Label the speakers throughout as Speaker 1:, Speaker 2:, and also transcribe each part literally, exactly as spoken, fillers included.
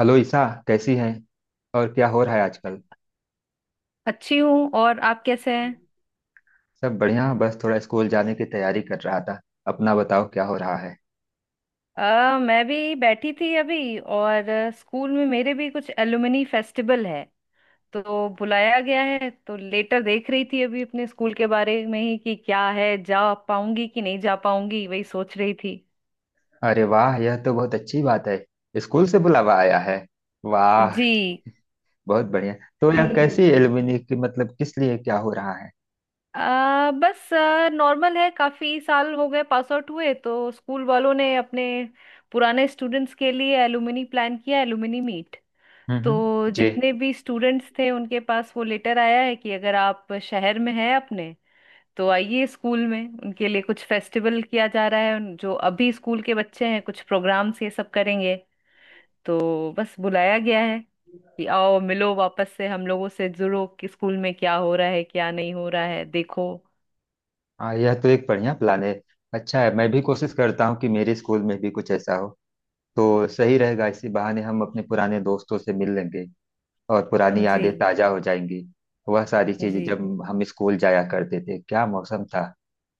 Speaker 1: Hello Isa. कैसी हैं। और क्या हो रहा है आजकल।
Speaker 2: अच्छी हूँ। और आप कैसे हैं?
Speaker 1: सब बढ़िया, बस थोड़ा स्कूल जाने की तैयारी कर रहा था। अपना बताओ, क्या हो रहा है।
Speaker 2: अ, मैं भी बैठी थी अभी। और अ, स्कूल में मेरे भी कुछ एलुमनी फेस्टिवल है, तो बुलाया गया है। तो लेटर देख रही थी अभी अपने स्कूल के बारे में ही कि क्या है, जा पाऊंगी कि नहीं जा पाऊंगी, वही सोच रही थी।
Speaker 1: अरे वाह, यह तो बहुत अच्छी बात है। स्कूल से बुलावा आया है। वाह,
Speaker 2: जी।
Speaker 1: बहुत बढ़िया। तो यह कैसी एलुमनी की मतलब किस लिए क्या हो रहा है।
Speaker 2: आ, बस नॉर्मल है, काफी साल हो गए पास आउट हुए, तो स्कूल वालों ने अपने पुराने स्टूडेंट्स के लिए एलुमनी प्लान किया, एलुमनी मीट।
Speaker 1: हम्म, हम्म।
Speaker 2: तो
Speaker 1: जी।
Speaker 2: जितने भी स्टूडेंट्स थे उनके पास वो लेटर आया है कि अगर आप शहर में हैं अपने, तो आइए। स्कूल में उनके लिए कुछ फेस्टिवल किया जा रहा है। उन- जो अभी स्कूल के बच्चे हैं, कुछ प्रोग्राम्स ये सब करेंगे। तो बस बुलाया गया है कि आओ, मिलो, वापस से हम लोगों से जुड़ो कि स्कूल में क्या हो रहा है, क्या नहीं हो रहा है, देखो।
Speaker 1: हाँ, यह तो एक बढ़िया प्लान है। अच्छा है, मैं भी कोशिश करता हूँ कि मेरे स्कूल में भी कुछ ऐसा हो। तो सही रहेगा, इसी बहाने हम अपने पुराने दोस्तों से मिल लेंगे और पुरानी यादें
Speaker 2: जी।
Speaker 1: ताजा हो जाएंगी। वह सारी चीजें,
Speaker 2: जी।
Speaker 1: जब हम स्कूल जाया करते थे, क्या मौसम था।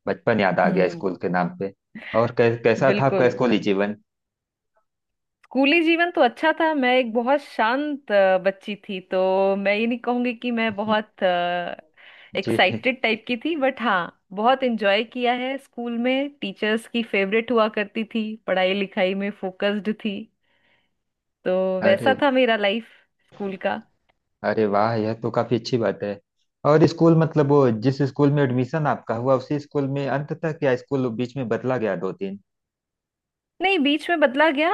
Speaker 1: बचपन याद आ गया
Speaker 2: हम्म।
Speaker 1: स्कूल के नाम पे। और कै, कैसा था आपका
Speaker 2: बिल्कुल।
Speaker 1: स्कूली जीवन।
Speaker 2: स्कूली जीवन तो अच्छा था। मैं एक बहुत शांत अ, बच्ची थी। तो मैं ये नहीं कहूंगी कि मैं बहुत
Speaker 1: जी।
Speaker 2: एक्साइटेड टाइप की थी। बट हाँ, बहुत एंजॉय किया है स्कूल में। टीचर्स की फेवरेट हुआ करती थी, पढ़ाई लिखाई में फोकस्ड थी। तो
Speaker 1: अरे।
Speaker 2: वैसा था मेरा लाइफ स्कूल का।
Speaker 1: अरे वाह, यह तो काफी अच्छी बात है। और स्कूल मतलब वो जिस स्कूल में एडमिशन आपका हुआ उसी स्कूल में अंत तक, या स्कूल बीच में बदला गया दो तीन।
Speaker 2: नहीं, बीच में बदला गया।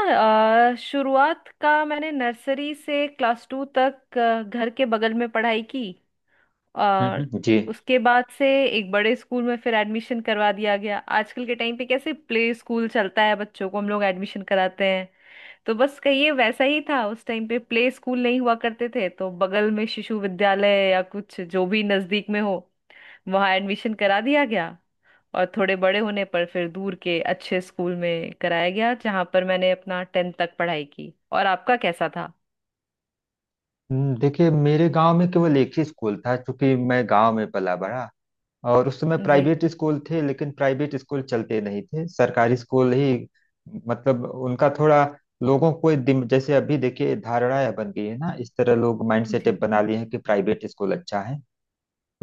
Speaker 2: अ, शुरुआत का मैंने नर्सरी से क्लास टू तक अ, घर के बगल में पढ़ाई की। और
Speaker 1: हम्म जी।
Speaker 2: उसके बाद से एक बड़े स्कूल में फिर एडमिशन करवा दिया गया। आजकल के टाइम पे कैसे प्ले स्कूल चलता है, बच्चों को हम लोग एडमिशन कराते हैं, तो बस कहिए वैसा ही था। उस टाइम पे प्ले स्कूल नहीं हुआ करते थे, तो बगल में शिशु विद्यालय या कुछ जो भी नजदीक में हो, वहां एडमिशन करा दिया गया। और थोड़े बड़े होने पर फिर दूर के अच्छे स्कूल में कराया गया, जहां पर मैंने अपना टेंथ तक पढ़ाई की। और आपका कैसा था?
Speaker 1: हम्म, देखिए, मेरे गांव में केवल एक ही स्कूल था, क्योंकि मैं गांव में पला बड़ा। और उस समय
Speaker 2: जी।
Speaker 1: प्राइवेट स्कूल थे, लेकिन प्राइवेट स्कूल चलते नहीं थे, सरकारी स्कूल ही। मतलब उनका थोड़ा लोगों को दिम- जैसे अभी देखिए, धारणाएं बन गई है ना, इस तरह लोग माइंड सेट
Speaker 2: जी।
Speaker 1: बना लिए हैं कि प्राइवेट स्कूल अच्छा है।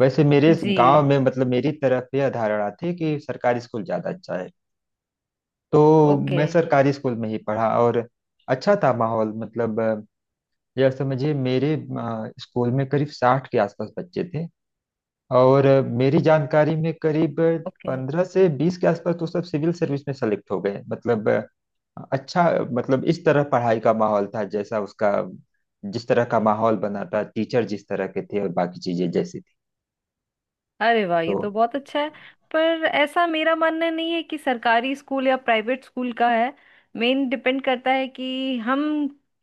Speaker 1: वैसे मेरे इस गांव
Speaker 2: जी।
Speaker 1: में मतलब मेरी तरफ यह धारणा थी कि सरकारी स्कूल ज्यादा अच्छा है। तो
Speaker 2: ओके।
Speaker 1: मैं सरकारी स्कूल में ही पढ़ा। और अच्छा था माहौल, मतलब अ, यह समझिए मेरे अ, स्कूल में करीब साठ के आसपास बच्चे थे। और मेरी जानकारी में करीब
Speaker 2: ओके।
Speaker 1: पंद्रह से बीस के आसपास तो सब सिविल सर्विस में सेलेक्ट हो गए। मतलब अच्छा। मतलब इस तरह पढ़ाई का माहौल था, जैसा उसका, जिस तरह का माहौल बना था, टीचर जिस तरह के थे और बाकी चीजें जैसी थी।
Speaker 2: अरे वाह,
Speaker 1: तो
Speaker 2: ये तो बहुत अच्छा है। पर ऐसा मेरा मानना नहीं है कि सरकारी स्कूल या प्राइवेट स्कूल का है। मेन डिपेंड करता है कि हम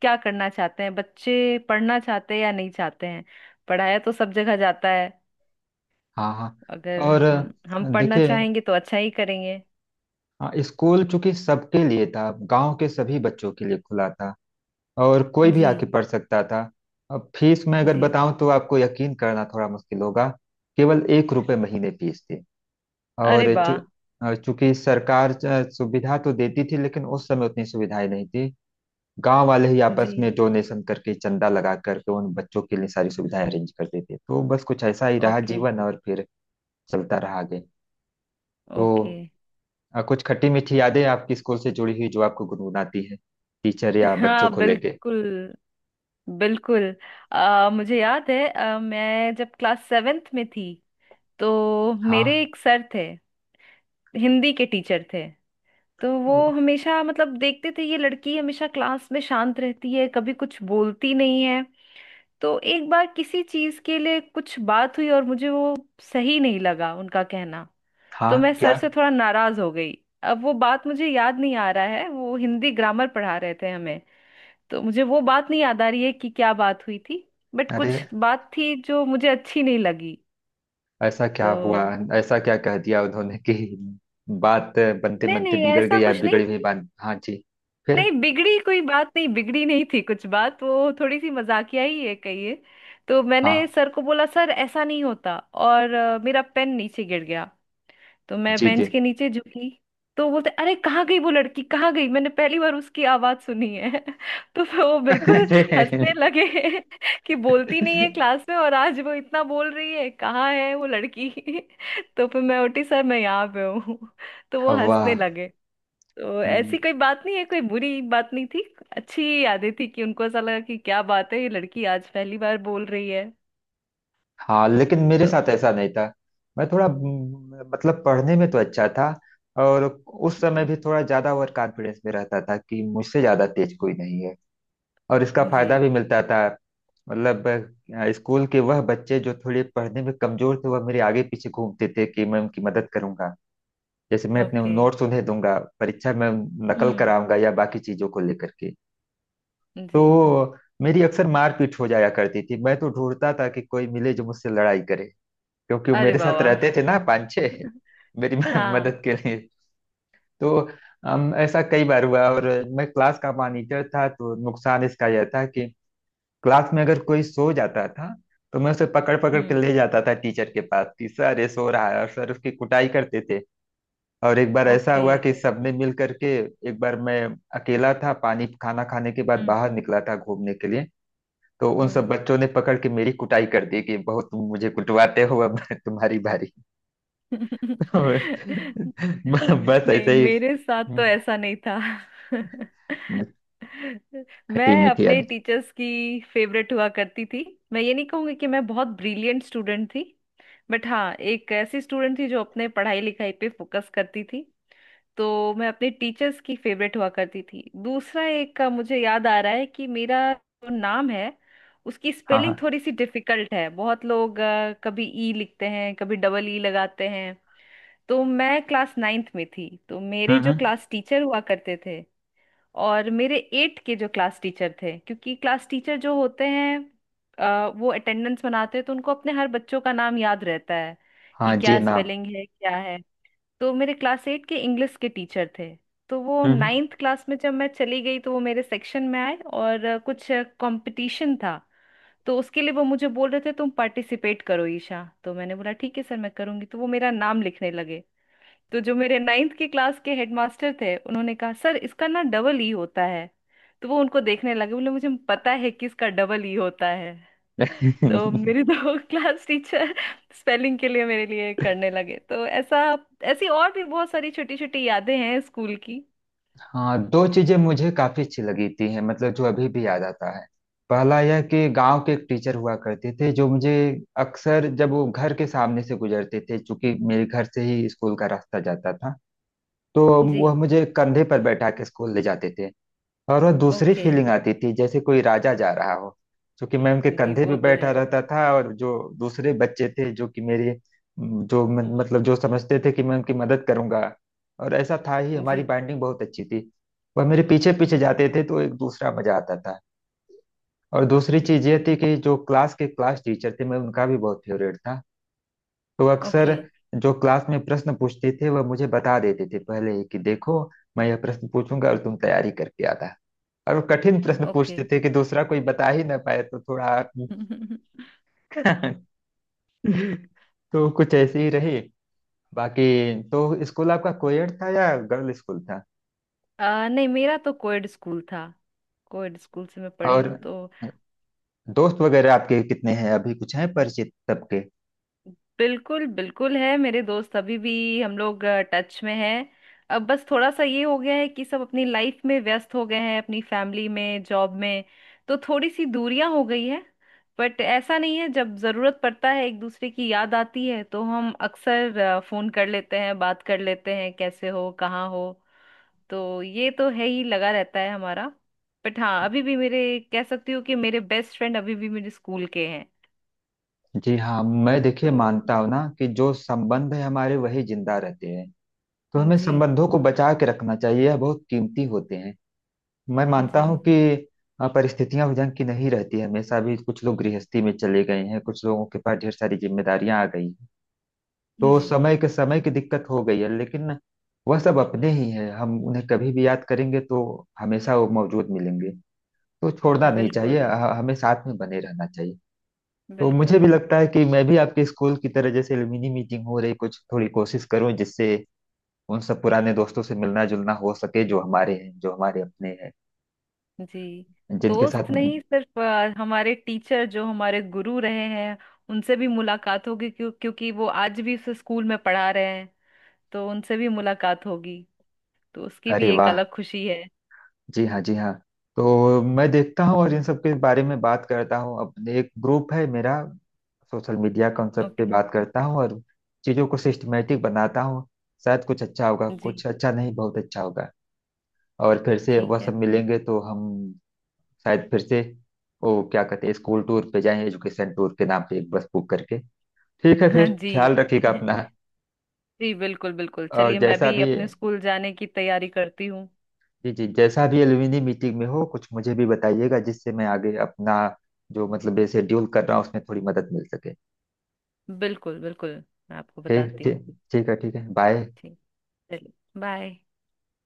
Speaker 2: क्या करना चाहते हैं, बच्चे पढ़ना चाहते हैं या नहीं चाहते हैं। पढ़ाया तो सब जगह जाता है।
Speaker 1: हाँ, हाँ।
Speaker 2: अगर
Speaker 1: और
Speaker 2: हम हम पढ़ना
Speaker 1: देखिए,
Speaker 2: चाहेंगे तो अच्छा ही करेंगे।
Speaker 1: हाँ, स्कूल चूंकि सबके लिए था, गांव के सभी बच्चों के लिए खुला था और कोई भी
Speaker 2: जी।
Speaker 1: आके पढ़ सकता था। अब फीस मैं अगर
Speaker 2: जी।
Speaker 1: बताऊं तो आपको यकीन करना थोड़ा मुश्किल होगा। केवल एक रुपए महीने फीस थी।
Speaker 2: अरे
Speaker 1: और चू,
Speaker 2: वाह।
Speaker 1: और चूंकि सरकार च- सुविधा तो देती थी, लेकिन उस समय उतनी सुविधाएं नहीं थी। गांव वाले ही
Speaker 2: जी।
Speaker 1: आपस में डोनेशन करके, चंदा लगा करके उन बच्चों के लिए सारी सुविधाएं अरेंज करते थे, तो बस कुछ ऐसा ही रहा
Speaker 2: ओके।
Speaker 1: जीवन और फिर चलता रहा आगे। तो
Speaker 2: ओके।
Speaker 1: अ, कुछ खट्टी मीठी यादें आपकी स्कूल से जुड़ी हुई जो आपको गुनगुनाती है, टीचर या बच्चों
Speaker 2: हाँ,
Speaker 1: को लेके।
Speaker 2: बिल्कुल। बिल्कुल। अ, मुझे याद है, अ, मैं जब क्लास सेवेंथ में थी, तो मेरे
Speaker 1: हाँ,
Speaker 2: एक सर थे, हिंदी के टीचर थे। तो वो हमेशा मतलब देखते थे ये लड़की हमेशा क्लास में शांत रहती है, कभी कुछ बोलती नहीं है। तो एक बार किसी चीज के लिए कुछ बात हुई और मुझे वो सही नहीं लगा उनका कहना।
Speaker 1: हाँ
Speaker 2: तो मैं सर
Speaker 1: क्या।
Speaker 2: से थोड़ा नाराज हो गई। अब वो बात मुझे याद नहीं आ रहा है, वो हिंदी ग्रामर पढ़ा रहे थे हमें। तो मुझे वो बात नहीं याद आ रही है कि क्या बात हुई थी। बट
Speaker 1: अरे,
Speaker 2: कुछ बात थी जो मुझे अच्छी नहीं लगी।
Speaker 1: ऐसा क्या
Speaker 2: तो
Speaker 1: हुआ। ऐसा क्या कह दिया उन्होंने कि बात बनते
Speaker 2: नहीं
Speaker 1: बनते
Speaker 2: नहीं,
Speaker 1: बिगड़ गई,
Speaker 2: ऐसा
Speaker 1: या
Speaker 2: कुछ नहीं।
Speaker 1: बिगड़ी हुई बात, हाँ जी। फिर।
Speaker 2: नहीं, बिगड़ी कोई बात नहीं, बिगड़ी नहीं थी कुछ बात। वो थोड़ी सी मजाकिया ही है, कहिए। तो मैंने
Speaker 1: हाँ।
Speaker 2: सर को बोला सर ऐसा नहीं होता। और अ, मेरा पेन नीचे गिर गया। तो मैं
Speaker 1: जी
Speaker 2: बेंच
Speaker 1: जी।
Speaker 2: के नीचे झुकी। तो बोलते अरे कहाँ गई वो लड़की, कहाँ गई, मैंने पहली बार उसकी आवाज सुनी है। तो फिर वो बिल्कुल हंसने
Speaker 1: अरे
Speaker 2: लगे। कि बोलती नहीं है क्लास में और आज वो इतना बोल रही है, कहाँ है वो लड़की। तो फिर मैं उठी, सर मैं यहाँ पे हूँ। तो वो हंसने
Speaker 1: वाह।
Speaker 2: लगे। तो
Speaker 1: हम्म।
Speaker 2: ऐसी कोई बात नहीं है, कोई बुरी बात नहीं थी। अच्छी यादें थी कि उनको ऐसा लगा कि क्या बात है, ये लड़की आज पहली बार बोल रही है।
Speaker 1: हाँ, लेकिन मेरे
Speaker 2: तो
Speaker 1: साथ ऐसा नहीं था। मैं थोड़ा हम्म, मतलब पढ़ने में तो अच्छा था। और उस समय
Speaker 2: जी।
Speaker 1: भी थोड़ा ज्यादा ओवर कॉन्फिडेंस में रहता था कि मुझसे ज्यादा तेज कोई नहीं है। और इसका
Speaker 2: जी।
Speaker 1: फायदा भी मिलता था। मतलब अ, स्कूल के वह बच्चे जो थोड़े पढ़ने में कमजोर थे, वह मेरे आगे पीछे घूमते थे कि मैं उनकी मदद करूंगा, जैसे मैं अपने
Speaker 2: ओके।
Speaker 1: नोट्स उन्हें दूंगा, परीक्षा में नकल
Speaker 2: हम्म।
Speaker 1: कराऊंगा या बाकी चीजों को लेकर के।
Speaker 2: जी।
Speaker 1: तो मेरी अक्सर मारपीट हो जाया करती थी, मैं तो ढूंढता था कि कोई मिले जो मुझसे लड़ाई करे, क्योंकि वो
Speaker 2: अरे
Speaker 1: मेरे साथ
Speaker 2: बाबा।
Speaker 1: रहते थे ना, पाँच छः। मेरी
Speaker 2: हाँ।
Speaker 1: मदद के लिए। तो अम, ऐसा कई बार हुआ। और मैं क्लास का मॉनिटर था, तो नुकसान इसका यह था कि क्लास में अगर कोई सो जाता था, तो मैं उसे पकड़ पकड़ के
Speaker 2: हम्म।
Speaker 1: ले जाता था टीचर के पास कि सर ये सो रहा है, और सर उसकी कुटाई करते थे। और एक बार ऐसा
Speaker 2: ओके।
Speaker 1: हुआ कि सबने मिल करके, एक बार मैं अकेला था, पानी खाना खाने के बाद
Speaker 2: हम्म।
Speaker 1: बाहर निकला था घूमने के लिए, तो उन सब
Speaker 2: हम्म।
Speaker 1: बच्चों ने पकड़ के मेरी कुटाई कर दी कि बहुत तुम मुझे कुटवाते हो, अब तुम्हारी बारी। बस
Speaker 2: नहीं,
Speaker 1: ऐसे ही।
Speaker 2: मेरे साथ
Speaker 1: हम्म,
Speaker 2: तो ऐसा नहीं था।
Speaker 1: खटी
Speaker 2: मैं
Speaker 1: मीठी
Speaker 2: अपने
Speaker 1: याद।
Speaker 2: टीचर्स की फेवरेट हुआ करती थी। मैं ये नहीं कहूंगी कि मैं बहुत ब्रिलियंट स्टूडेंट थी। बट हाँ, एक ऐसी स्टूडेंट थी जो अपने पढ़ाई लिखाई पे फोकस करती थी। तो मैं अपने टीचर्स की फेवरेट हुआ करती थी। दूसरा एक का मुझे याद आ रहा है कि मेरा जो नाम है, उसकी
Speaker 1: हाँ,
Speaker 2: स्पेलिंग
Speaker 1: हाँ।
Speaker 2: थोड़ी सी डिफिकल्ट है। बहुत लोग अ, कभी ई लिखते हैं, कभी डबल ई लगाते हैं। तो मैं क्लास नाइन्थ में थी, तो मेरे
Speaker 1: हम्म,
Speaker 2: जो
Speaker 1: हम्म।
Speaker 2: क्लास टीचर हुआ करते थे और मेरे एट के जो क्लास टीचर थे, क्योंकि क्लास टीचर जो होते हैं, अ, वो अटेंडेंस बनाते हैं, तो उनको अपने हर बच्चों का नाम याद रहता है कि
Speaker 1: हाँ जी
Speaker 2: क्या
Speaker 1: ना।
Speaker 2: स्पेलिंग है क्या है। तो मेरे क्लास एट के इंग्लिश के टीचर थे। तो वो
Speaker 1: हम्म।
Speaker 2: नाइन्थ क्लास में जब मैं चली गई, तो वो मेरे सेक्शन में आए। और अ, कुछ कंपटीशन था, तो उसके लिए वो मुझे बोल रहे थे तुम पार्टिसिपेट करो ईशा। तो मैंने बोला ठीक है सर, मैं करूंगी। तो वो मेरा नाम लिखने लगे। तो जो मेरे नाइन्थ की क्लास के हेडमास्टर थे, उन्होंने कहा सर इसका ना डबल ई होता है। तो वो उनको देखने लगे, बोले मुझे पता है कि इसका डबल ई होता है। तो
Speaker 1: हम्म।
Speaker 2: मेरी दो क्लास टीचर स्पेलिंग के लिए मेरे लिए करने लगे। तो ऐसा, ऐसी और भी बहुत सारी छोटी छोटी यादें हैं स्कूल की।
Speaker 1: हाँ, दो चीजें मुझे काफी अच्छी लगी थी हैं, मतलब जो अभी भी याद आता है। पहला यह कि गांव के एक टीचर हुआ करते थे जो मुझे अक्सर, जब वो घर के सामने से गुजरते थे, चूंकि मेरे घर से ही स्कूल का रास्ता जाता था, तो
Speaker 2: जी।
Speaker 1: वह मुझे कंधे पर बैठा के स्कूल ले जाते थे। और वह दूसरी
Speaker 2: ओके।
Speaker 1: फीलिंग आती थी, जैसे कोई राजा जा रहा हो, क्योंकि मैं उनके
Speaker 2: जी,
Speaker 1: कंधे पे
Speaker 2: वो तो
Speaker 1: बैठा
Speaker 2: है।
Speaker 1: रहता था। और जो दूसरे बच्चे थे जो कि मेरे जो म- मतलब जो समझते थे कि मैं उनकी मदद करूंगा, और ऐसा था ही, हमारी
Speaker 2: जी।
Speaker 1: बाइंडिंग बहुत अच्छी थी। वह मेरे पीछे पीछे
Speaker 2: जी।
Speaker 1: जाते थे, तो एक दूसरा मजा आता था। और दूसरी चीज
Speaker 2: जी।
Speaker 1: ये थी कि जो क्लास के क्लास टीचर थे, मैं उनका भी बहुत फेवरेट था। तो
Speaker 2: ओके।
Speaker 1: अक्सर जो क्लास में प्रश्न पूछते थे, वह मुझे बता देते थे पहले ही कि देखो, मैं यह प्रश्न पूछूंगा और तुम तैयारी करके आना। और वो कठिन प्रश्न
Speaker 2: ओके।
Speaker 1: पूछते थे कि दूसरा कोई बता ही ना पाए, तो थोड़ा। तो कुछ ऐसे ही रहे बाकी। तो स्कूल आपका कोएड था या गर्ल स्कूल था।
Speaker 2: आ, नहीं, मेरा तो कोएड स्कूल था। कोएड स्कूल से मैं पढ़ी हूँ।
Speaker 1: और
Speaker 2: तो
Speaker 1: दोस्त वगैरह आपके कितने हैं अभी, कुछ हैं परिचित सबके।
Speaker 2: बिल्कुल बिल्कुल है, मेरे दोस्त अभी भी, हम लोग टच में हैं। अब बस थोड़ा सा ये हो गया है कि सब अपनी लाइफ में व्यस्त हो गए हैं, अपनी फैमिली में, जॉब में, तो थोड़ी सी दूरियां हो गई है। बट ऐसा नहीं है, जब जरूरत पड़ता है, एक दूसरे की याद आती है, तो हम अक्सर अ, फोन कर लेते हैं, बात कर लेते हैं कैसे हो, कहाँ हो। तो ये तो है ही, लगा रहता है हमारा। बट हाँ, अभी भी मेरे, कह सकती हूँ कि मेरे बेस्ट फ्रेंड अभी भी मेरे स्कूल के हैं।
Speaker 1: जी हाँ, मैं देखिए
Speaker 2: तो
Speaker 1: मानता हूँ ना कि जो संबंध है हमारे, वही जिंदा रहते हैं। तो हमें
Speaker 2: जी।
Speaker 1: संबंधों को बचा के रखना चाहिए, यह बहुत कीमती होते हैं। मैं मानता
Speaker 2: जी।
Speaker 1: हूं कि अ, परिस्थितियां ढंग की नहीं रहती है हमेशा भी, कुछ लोग गृहस्थी में चले गए हैं, कुछ लोगों के पास ढेर सारी जिम्मेदारियां आ गई हैं। तो
Speaker 2: जी।
Speaker 1: समय के, समय की दिक्कत हो गई है, लेकिन वह सब अपने ही हैं, हम उन्हें कभी भी याद करेंगे तो हमेशा वो मौजूद मिलेंगे। तो छोड़ना नहीं चाहिए,
Speaker 2: बिल्कुल
Speaker 1: ह- हमें साथ में बने रहना चाहिए। तो मुझे
Speaker 2: बिल्कुल।
Speaker 1: भी लगता है कि मैं भी आपके स्कूल की तरह, जैसे मिनी मीटिंग हो रही, कुछ थोड़ी कोशिश करूं जिससे उन सब पुराने दोस्तों से मिलना जुलना हो सके जो हमारे हैं, जो हमारे अपने हैं,
Speaker 2: जी।
Speaker 1: जिनके
Speaker 2: दोस्त
Speaker 1: साथ।
Speaker 2: नहीं, सिर्फ अ, हमारे टीचर जो हमारे गुरु रहे हैं, उनसे भी मुलाकात होगी, क्यों, क्योंकि वो आज भी उस स्कूल में पढ़ा रहे हैं। तो उनसे भी मुलाकात होगी। तो उसकी भी
Speaker 1: अरे
Speaker 2: एक
Speaker 1: वाह।
Speaker 2: अलग खुशी है।
Speaker 1: जी हाँ, जी हाँ। तो मैं देखता हूँ और इन सब के बारे में बात करता हूँ अपने, एक ग्रुप है मेरा सोशल मीडिया कॉन्सेप्ट पे,
Speaker 2: ओके।
Speaker 1: बात करता हूँ और चीज़ों को सिस्टमेटिक बनाता हूँ। शायद कुछ अच्छा होगा,
Speaker 2: जी।
Speaker 1: कुछ अच्छा नहीं, बहुत अच्छा होगा। और फिर से वह
Speaker 2: ठीक
Speaker 1: सब
Speaker 2: है।
Speaker 1: मिलेंगे तो हम शायद फिर से, वो क्या कहते हैं, स्कूल टूर पे जाएं, एजुकेशन टूर के नाम पे एक बस बुक करके। ठीक है, फिर ख्याल
Speaker 2: जी।
Speaker 1: रखिएगा अपना।
Speaker 2: जी बिल्कुल बिल्कुल,
Speaker 1: और
Speaker 2: चलिए मैं
Speaker 1: जैसा
Speaker 2: भी
Speaker 1: भी,
Speaker 2: अपने स्कूल जाने की तैयारी करती हूँ।
Speaker 1: जी जी, जैसा भी एलुमिनी मीटिंग में हो कुछ मुझे भी बताइएगा, जिससे मैं आगे अपना जो मतलब ये शेड्यूल कर रहा हूँ उसमें थोड़ी मदद मिल सके।
Speaker 2: बिल्कुल बिल्कुल, मैं आपको
Speaker 1: ठीक,
Speaker 2: बताती
Speaker 1: ठीक,
Speaker 2: हूँ।
Speaker 1: ठीक है, ठीक है, बाय।
Speaker 2: ठीक। चलिए। बाय।